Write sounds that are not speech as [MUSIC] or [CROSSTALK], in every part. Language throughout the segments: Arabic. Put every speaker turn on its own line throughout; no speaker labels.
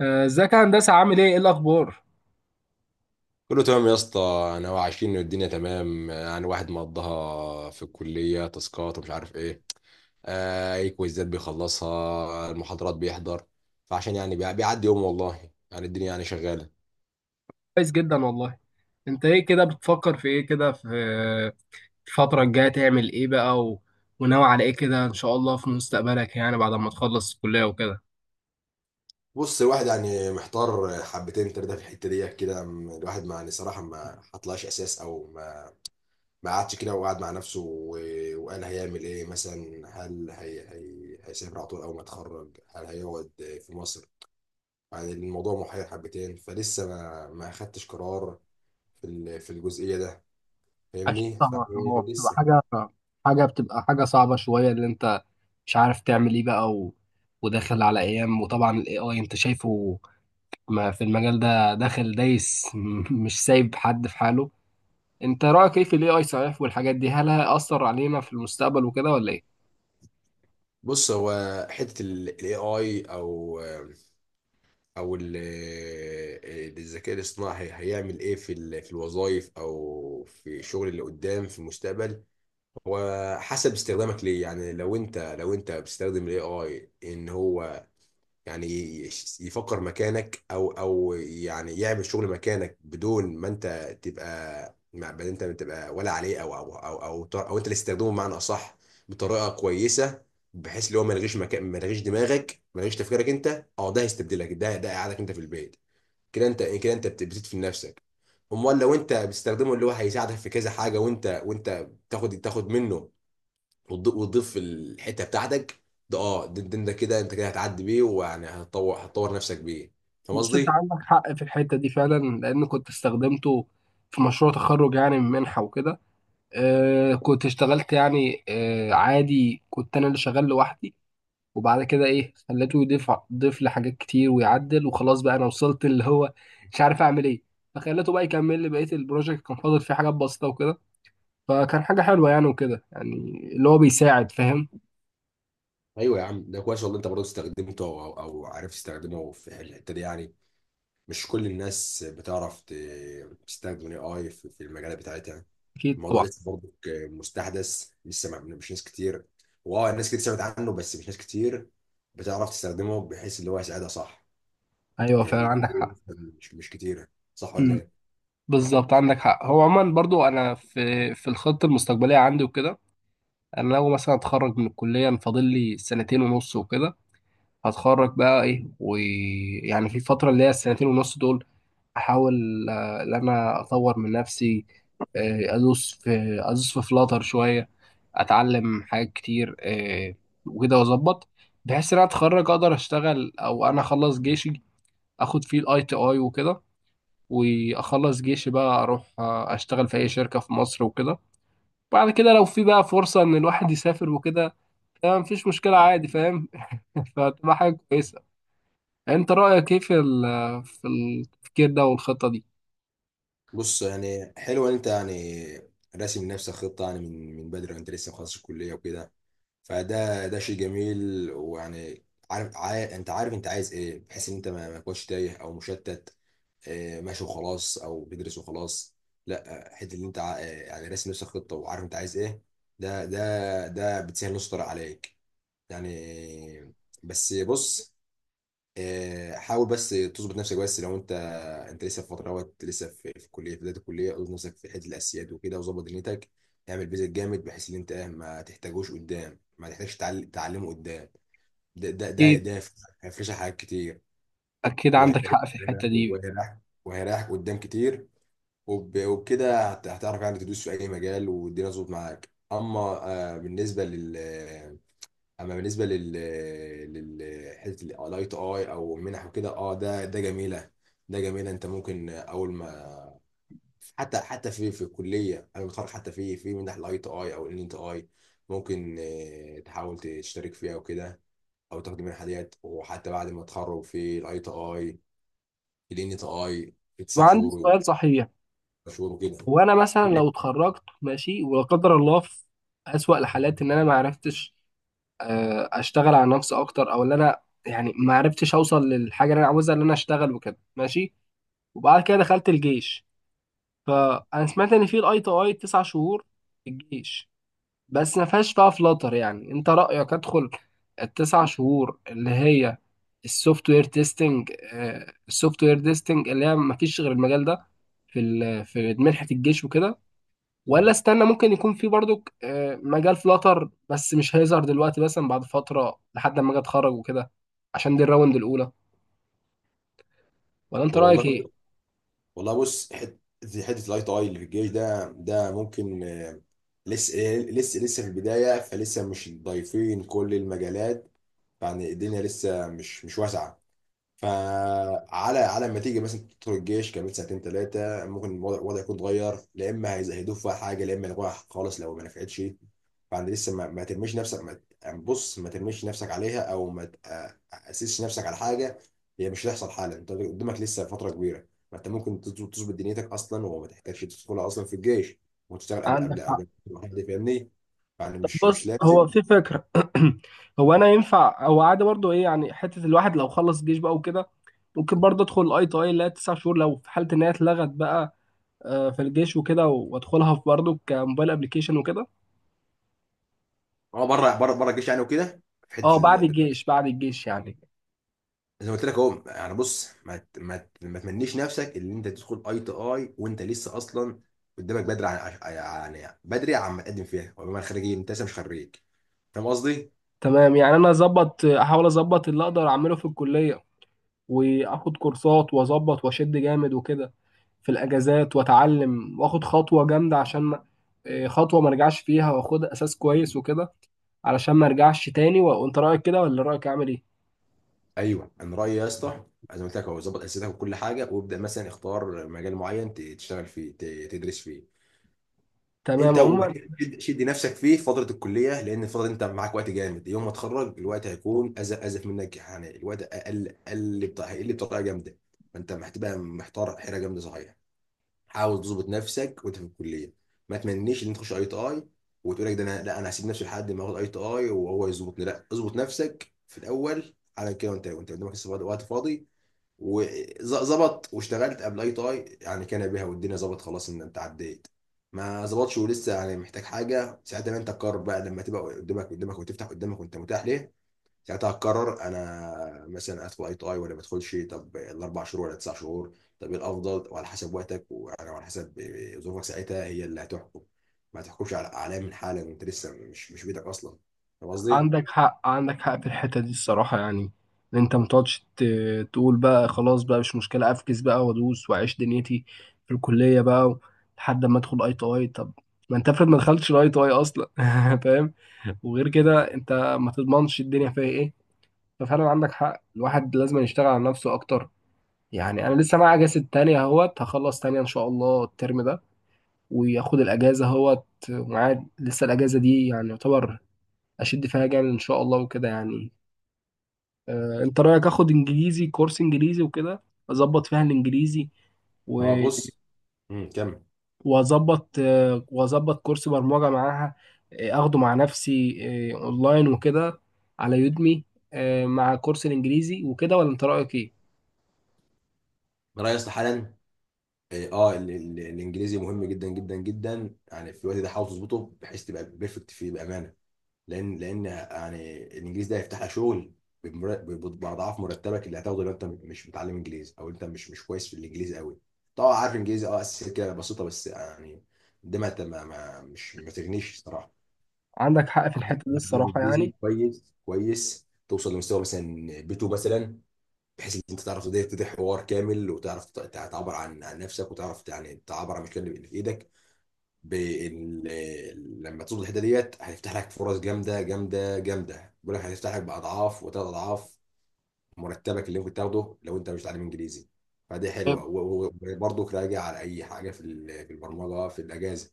ازيك يا هندسة، عامل ايه؟ ايه الأخبار؟
كله تمام يا اسطى. انا وعارفين ان الدنيا تمام، يعني واحد مقضاها في الكليه، تاسكات ومش عارف ايه، اي كويزات بيخلصها، المحاضرات بيحضر، فعشان يعني بيعدي يوم. والله يعني الدنيا يعني شغاله.
كويس جدا والله. انت ايه كده بتفكر في ايه كده، في آه، الفترة الجاية تعمل ايه بقى؟ و... وناوي على ايه كده ان شاء الله في مستقبلك، يعني بعد ما تخلص الكلية وكده؟
بص الواحد يعني محتار حبتين ثلاثه في الحته دي كده، الواحد ما يعني صراحه ما حطلعش اساس، او ما ما قعدش كده، وقعد مع نفسه وقال هيعمل ايه، مثلا هل هي هيسافر على طول اول ما يتخرج، هل هيقعد في مصر؟ يعني الموضوع محير حبتين فلسه ما اخدتش قرار في في الجزئيه ده،
أكيد
فاهمني؟
طبعا،
فيعني
هو بتبقى
لسه.
حاجة صعبة شوية، اللي أنت مش عارف تعمل إيه بقى، و... وداخل على أيام. وطبعا ال AI أنت شايفه ما في المجال ده، داخل دايس [LAUGHS] مش سايب حد في حاله. أنت رأيك إيه في ال AI صحيح والحاجات دي، هل هيأثر علينا في المستقبل وكده ولا إيه؟
بص هو حته الاي اي، او الذكاء الاصطناعي هيعمل ايه في في الوظائف او في الشغل اللي قدام في المستقبل. هو حسب استخدامك ليه، يعني لو انت بتستخدم الاي اي ان هو يعني يفكر مكانك، او يعني يعمل شغل مكانك بدون ما انت تبقى، ما انت تبقى ولا عليه، أو انت اللي تستخدمه بمعنى اصح، بطريقه كويسه، بحيث اللي هو ما يلغيش مكان، ما يلغيش دماغك، ما يلغيش تفكيرك انت. اه ده هيستبدلك، ده قعدك انت في البيت كده. انت كده انت بتدفن نفسك. امال لو انت بتستخدمه، اللي هو هيساعدك في كذا حاجه، وانت تاخد منه وتضيف الحته بتاعتك. ده اه ده ده- ده كده انت، كده هتعدي بيه، ويعني هتطور نفسك بيه. فاهم
بص، انت
قصدي؟
عندك حق في الحته دي فعلا، لان كنت استخدمته في مشروع تخرج يعني من منحه وكده. آه، كنت اشتغلت يعني، آه، عادي، كنت انا اللي شغال لوحدي، وبعد كده ايه خليته يضيف، لحاجات كتير ويعدل، وخلاص بقى انا وصلت اللي هو مش عارف اعمل ايه، فخليته بقى يكمل لي بقيه البروجكت، كان فاضل فيه حاجات بسيطه وكده. فكان حاجه حلوه يعني وكده يعني، اللي هو بيساعد، فاهم؟
ايوه يا عم، ده كويس والله. انت برضه استخدمته او او أو عرفت تستخدمه في الحته دي يعني. مش كل الناس بتعرف تستخدم الاي اي في المجالات بتاعتها.
اكيد
الموضوع
طبعا.
لسه برضه مستحدث، لسه مش ناس كتير. واه ناس كتير سمعت عنه بس مش ناس كتير بتعرف تستخدمه بحيث اللي هو يساعدها صح.
ايوه فعلا
ال-
عندك حق.
مش كتيره، صح ولا
مم.
ايه؟
بالظبط عندك حق. هو عموما برضو انا في الخطه المستقبليه عندي وكده، انا لو مثلا اتخرج من الكليه، أنا فاضل لي سنتين ونص وكده، هتخرج بقى ايه. ويعني في الفتره اللي هي السنتين ونص دول، احاول، ان انا اطور من نفسي، آه، ادوس في ادوس في فلاتر شويه، اتعلم حاجات كتير، وكده واظبط، بحيث ان انا اتخرج اقدر اشتغل. او انا اخلص جيشي، اخد فيه الاي تي اي وكده، واخلص جيشي بقى اروح، اشتغل في اي شركة في مصر وكده. بعد كده لو في بقى فرصة ان الواحد يسافر وكده، تمام مفيش مشكلة عادي، فاهم؟ [LAUGHS] فتبقى حاجة كويسة. انت رأيك ايه في في التفكير ده والخطة دي؟
بص يعني حلو ان انت يعني راسم لنفسك خطه، يعني من بدري وانت لسه مخلص الكليه وكده، فده شيء جميل ويعني عارف انت عارف انت عايز ايه، بحيث ان انت ما تكونش تايه او مشتت. ماشي وخلاص، او بتدرس وخلاص، لا حته اللي انت يعني راسم نفسك خطه وعارف انت عايز ايه. ده بتسهل نص طريق عليك يعني. بس بص، حاول بس تظبط نفسك، بس لو انت، انت لسه في فتره، وقت لسه في الكليه، في بدايه الكليه اظبط نفسك في حته الاسياد وكده، وظبط دنيتك. اعمل بيزك جامد، بحيث ان انت ما تحتاجوش قدام، ما تحتاجش تعلمه قدام. ده ده ده
اكيد
ده هيفرشك حاجات كتير،
اكيد عندك
وهيريحك
حق في الحتة دي.
وهيريحك وهيريحك قدام كتير. وبكده هتعرف يعني تدوس في اي مجال، والدنيا تظبط معاك. اما بالنسبه لل، اما بالنسبه لل حته الاي تو اي او منح وكده، ده جميله. ده جميله، انت ممكن اول ما، حتى في الكليه انا بتخرج، حتى في منح الاي تو اي او الان تو اي، ممكن تحاول تشترك فيها وكده، او تاخد منحه ديت، وحتى بعد ما تخرج في الاي تو اي الان تو اي في تسع
وعندي
شهور
سؤال صحيح،
شهور وكده.
هو انا مثلا لو اتخرجت ماشي، ولا قدر الله في اسوأ الحالات ان انا ما عرفتش، اشتغل على نفسي اكتر، او ان انا يعني ما عرفتش اوصل للحاجة اللي انا عاوزها، ان انا اشتغل وكده ماشي، وبعد كده دخلت الجيش. فانا سمعت ان في الاي تي اي تسع شهور في الجيش، بس ما فيهاش بقى فلاتر. يعني انت رايك ادخل التسع شهور اللي هي السوفت وير تيستنج؟ السوفت وير تيستنج اللي هي ما فيش غير المجال ده في منحه الجيش وكده، ولا استنى ممكن يكون في برضو، مجال فلاتر، بس مش هيظهر دلوقتي، مثلا بعد فتره لحد ما اجي اتخرج وكده، عشان دي الراوند الاولى؟ ولا انت رايك
والله
ايه؟
والله بص حته الاي تو اي اللي في الجيش ده، ممكن لسه في البداية، فلسه مش ضايفين كل المجالات. يعني الدنيا لسه مش واسعة. على ما تيجي مثلا تدخل الجيش كمان سنتين ثلاثه، ممكن الوضع يكون اتغير، لا اما هيزودوا فيها حاجه، لا اما يلغوها خالص لو ما نفعتش. فانت لسه ما ترميش نفسك، ما ت- يعني بص ما ترميش نفسك عليها، او ما تاسسش نفسك على حاجه هي مش هتحصل حالا. انت قدامك لسه فتره كبيره، ما انت ممكن تظبط دنيتك اصلا، وما تحتاجش تدخلها اصلا في الجيش، وتشتغل قبل
عندك.
قبل قبل ما حد. فاهمني؟ يعني مش
بص، هو
لازم.
في فكرة. [CLEARS THROAT] هو انا ينفع، هو عادي برضو ايه يعني، حتة الواحد لو خلص جيش بقى وكده، ممكن برضه ادخل الاي تي اي اللي هي تسع شهور، لو في حالة ان هي اتلغت بقى، في الجيش وكده، وادخلها في برضه كموبايل ابلكيشن وكده.
اه بره بره بره الجيش يعني وكده. في
اه بعد
حته
الجيش بعد الجيش يعني.
زي ما قلت لك اهو، يعني بص ما تمنيش نفسك اللي انت تدخل اي تي اي وانت لسه اصلا قدامك بدري عن، يعني بدري عن ما تقدم فيها، وبما خريجين انت لسه مش خريج. فاهم قصدي؟
تمام يعني انا اظبط، احاول اظبط اللي اقدر اعمله في الكلية، واخد كورسات واظبط واشد جامد وكده، في الاجازات، واتعلم واخد خطوة جامدة، عشان خطوة ما ارجعش فيها، واخد اساس كويس وكده، علشان ما ارجعش تاني. وانت رايك كده، ولا رايك عامل ايه؟
ايوه انا رايي يا اسطى، زي ما قلت لك اهو ظبط اسئلتك وكل حاجه، وابدا مثلا اختار مجال معين تشتغل فيه، تدرس فيه.
تمام
انت
عموما.
شد نفسك فيه في فتره الكليه، لان الفتره دي انت معاك وقت جامد. يوم ما تخرج الوقت هيكون ازف ازف منك، يعني الوقت اقل اقل بتاع، هيقل بطريقه جامده. فانت محتار حيره جامده، صحيح. حاول تظبط نفسك وانت في الكليه، ما تمنيش ان انت تخش اي تي اي وتقول لك ده، انا لا انا هسيب نفسي لحد ما اخد اي تي اي وهو يظبطني. لا اظبط نفسك في الاول على كده، وانت قدامك لسه وقت فاضي، وظبط واشتغلت قبل اي تاي يعني، كان بها والدنيا ظبط خلاص ان انت عديت. ما ظبطش ولسه يعني محتاج حاجه، ساعتها بقى انت تقرر بقى لما تبقى قدامك وتفتح قدامك وانت متاح ليه. ساعتها هتقرر انا مثلا ادخل اي تاي ولا ما ادخلش، طب الاربع شهور ولا تسع شهور، طب ايه الافضل، وعلى حسب وقتك وعلى حسب ظروفك، ساعتها هي اللي هتحكم. ما تحكمش على اعلام من حالا وانت لسه مش بيدك اصلا. فاهم قصدي؟
عندك حق في الحته دي الصراحه، يعني ان انت ما تقعدش تقول بقى خلاص بقى مش مشكله، افكس بقى وادوس واعيش دنيتي في الكليه بقى لحد ما ادخل اي تي اي. طب ما انت افرض ما دخلتش الاي تي اي اصلا؟ [LAUGHS] فاهم. وغير كده انت ما تضمنش الدنيا فيها ايه. ففعلا عندك حق، الواحد لازم يشتغل على نفسه اكتر. يعني انا لسه معايا اجازه تانية اهوت، هخلص تانية ان شاء الله الترم ده، وياخد الاجازه اهوت، ومعاه لسه الاجازه دي يعني يعتبر اشد فيها جامد ان شاء الله وكده يعني. انت رايك اخد انجليزي، كورس انجليزي وكده، اظبط فيها الانجليزي،
اه
و-
بص، كمل.
واظبط، واظبط كورس برمجه معاها، اخده مع نفسي، اونلاين وكده، على يودمي، مع كورس الانجليزي وكده؟ ولا انت رايك ايه؟
رأي اصلا حالا، إيه، اه ال- ال- الانجليزي مهم جدا جدا جدا، يعني في الوقت ده حاول تظبطه بحيث تبقى بيرفكت فيه بامانه. لان يعني الانجليزي ده هيفتح لك شغل باضعاف مرتبك اللي هتاخده، لو انت مش متعلم انجليزي، او انت مش كويس في الانجليزي قوي. طبعا عارف انجليزي، اساسيات كده بسيطه بس يعني. ده ما ت- ما ما- مش ما تغنيش الصراحه.
عندك حق في
عايز
الحته دي
تتعلم
الصراحه
انجليزي
يعني.
كويس كويس، توصل لمستوى مثلا بي 2 مثلا، بحيث ان انت تعرف تبتدي حوار كامل، وتعرف تعبر عن نفسك، وتعرف يعني تعبر عن المشكله اللي في ايدك. لما تصل الحته ديت هيفتح لك فرص جامده جامده جامده، بيقول لك هيفتح لك باضعاف وثلاث اضعاف مرتبك اللي ممكن تاخده لو انت مش تعلم انجليزي. فدي حلوه، وبرضه راجع على اي حاجه في في البرمجه في الاجازه.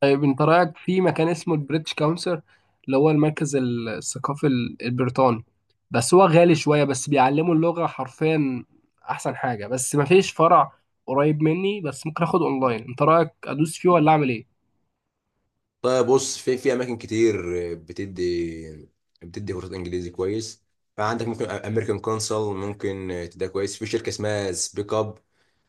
طيب انت رايك في مكان اسمه البريتش كونسل، اللي هو المركز الثقافي البريطاني؟ بس هو غالي شويه، بس بيعلموا اللغه حرفيا احسن حاجه. بس ما فيش فرع قريب مني، بس ممكن اخد اونلاين. انت رايك ادوس فيه ولا اعمل ايه؟
طيب بص، في اماكن كتير بتدي بتدي كورسات انجليزي كويس. فعندك ممكن امريكان كونسل ممكن تديها كويس، في شركه اسمها سبيك اب.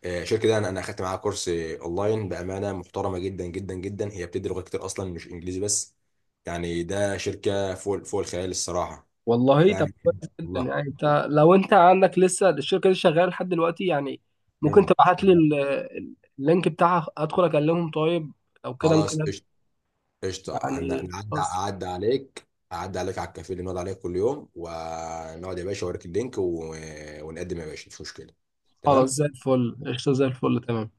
الشركه دي انا اخدت معاها كورس اونلاين، بامانه محترمه جدا جدا جدا، هي بتدي لغات كتير اصلا مش انجليزي بس. يعني ده شركه فوق فوق الخيال الصراحه.
والله طب
فعلا
كويس جدا
والله.
يعني. انت لو انت عندك لسه الشركه دي شغاله لحد دلوقتي يعني، ممكن تبعت لي
فعلا.
اللينك بتاعها، ادخل اكلمهم؟ طيب او كده ممكن
خلاص قشطة. قشطة. عن-
يعني
نعدي
خلاص.
أعدي عليك. على الكافيه اللي بنقعد عليه كل يوم، ونقعد يا باشا أوريك اللينك ونقدم يا باشا، مش مشكلة.
خلاص
تمام.
زي الفل، قشطه، زي الفل، تمام.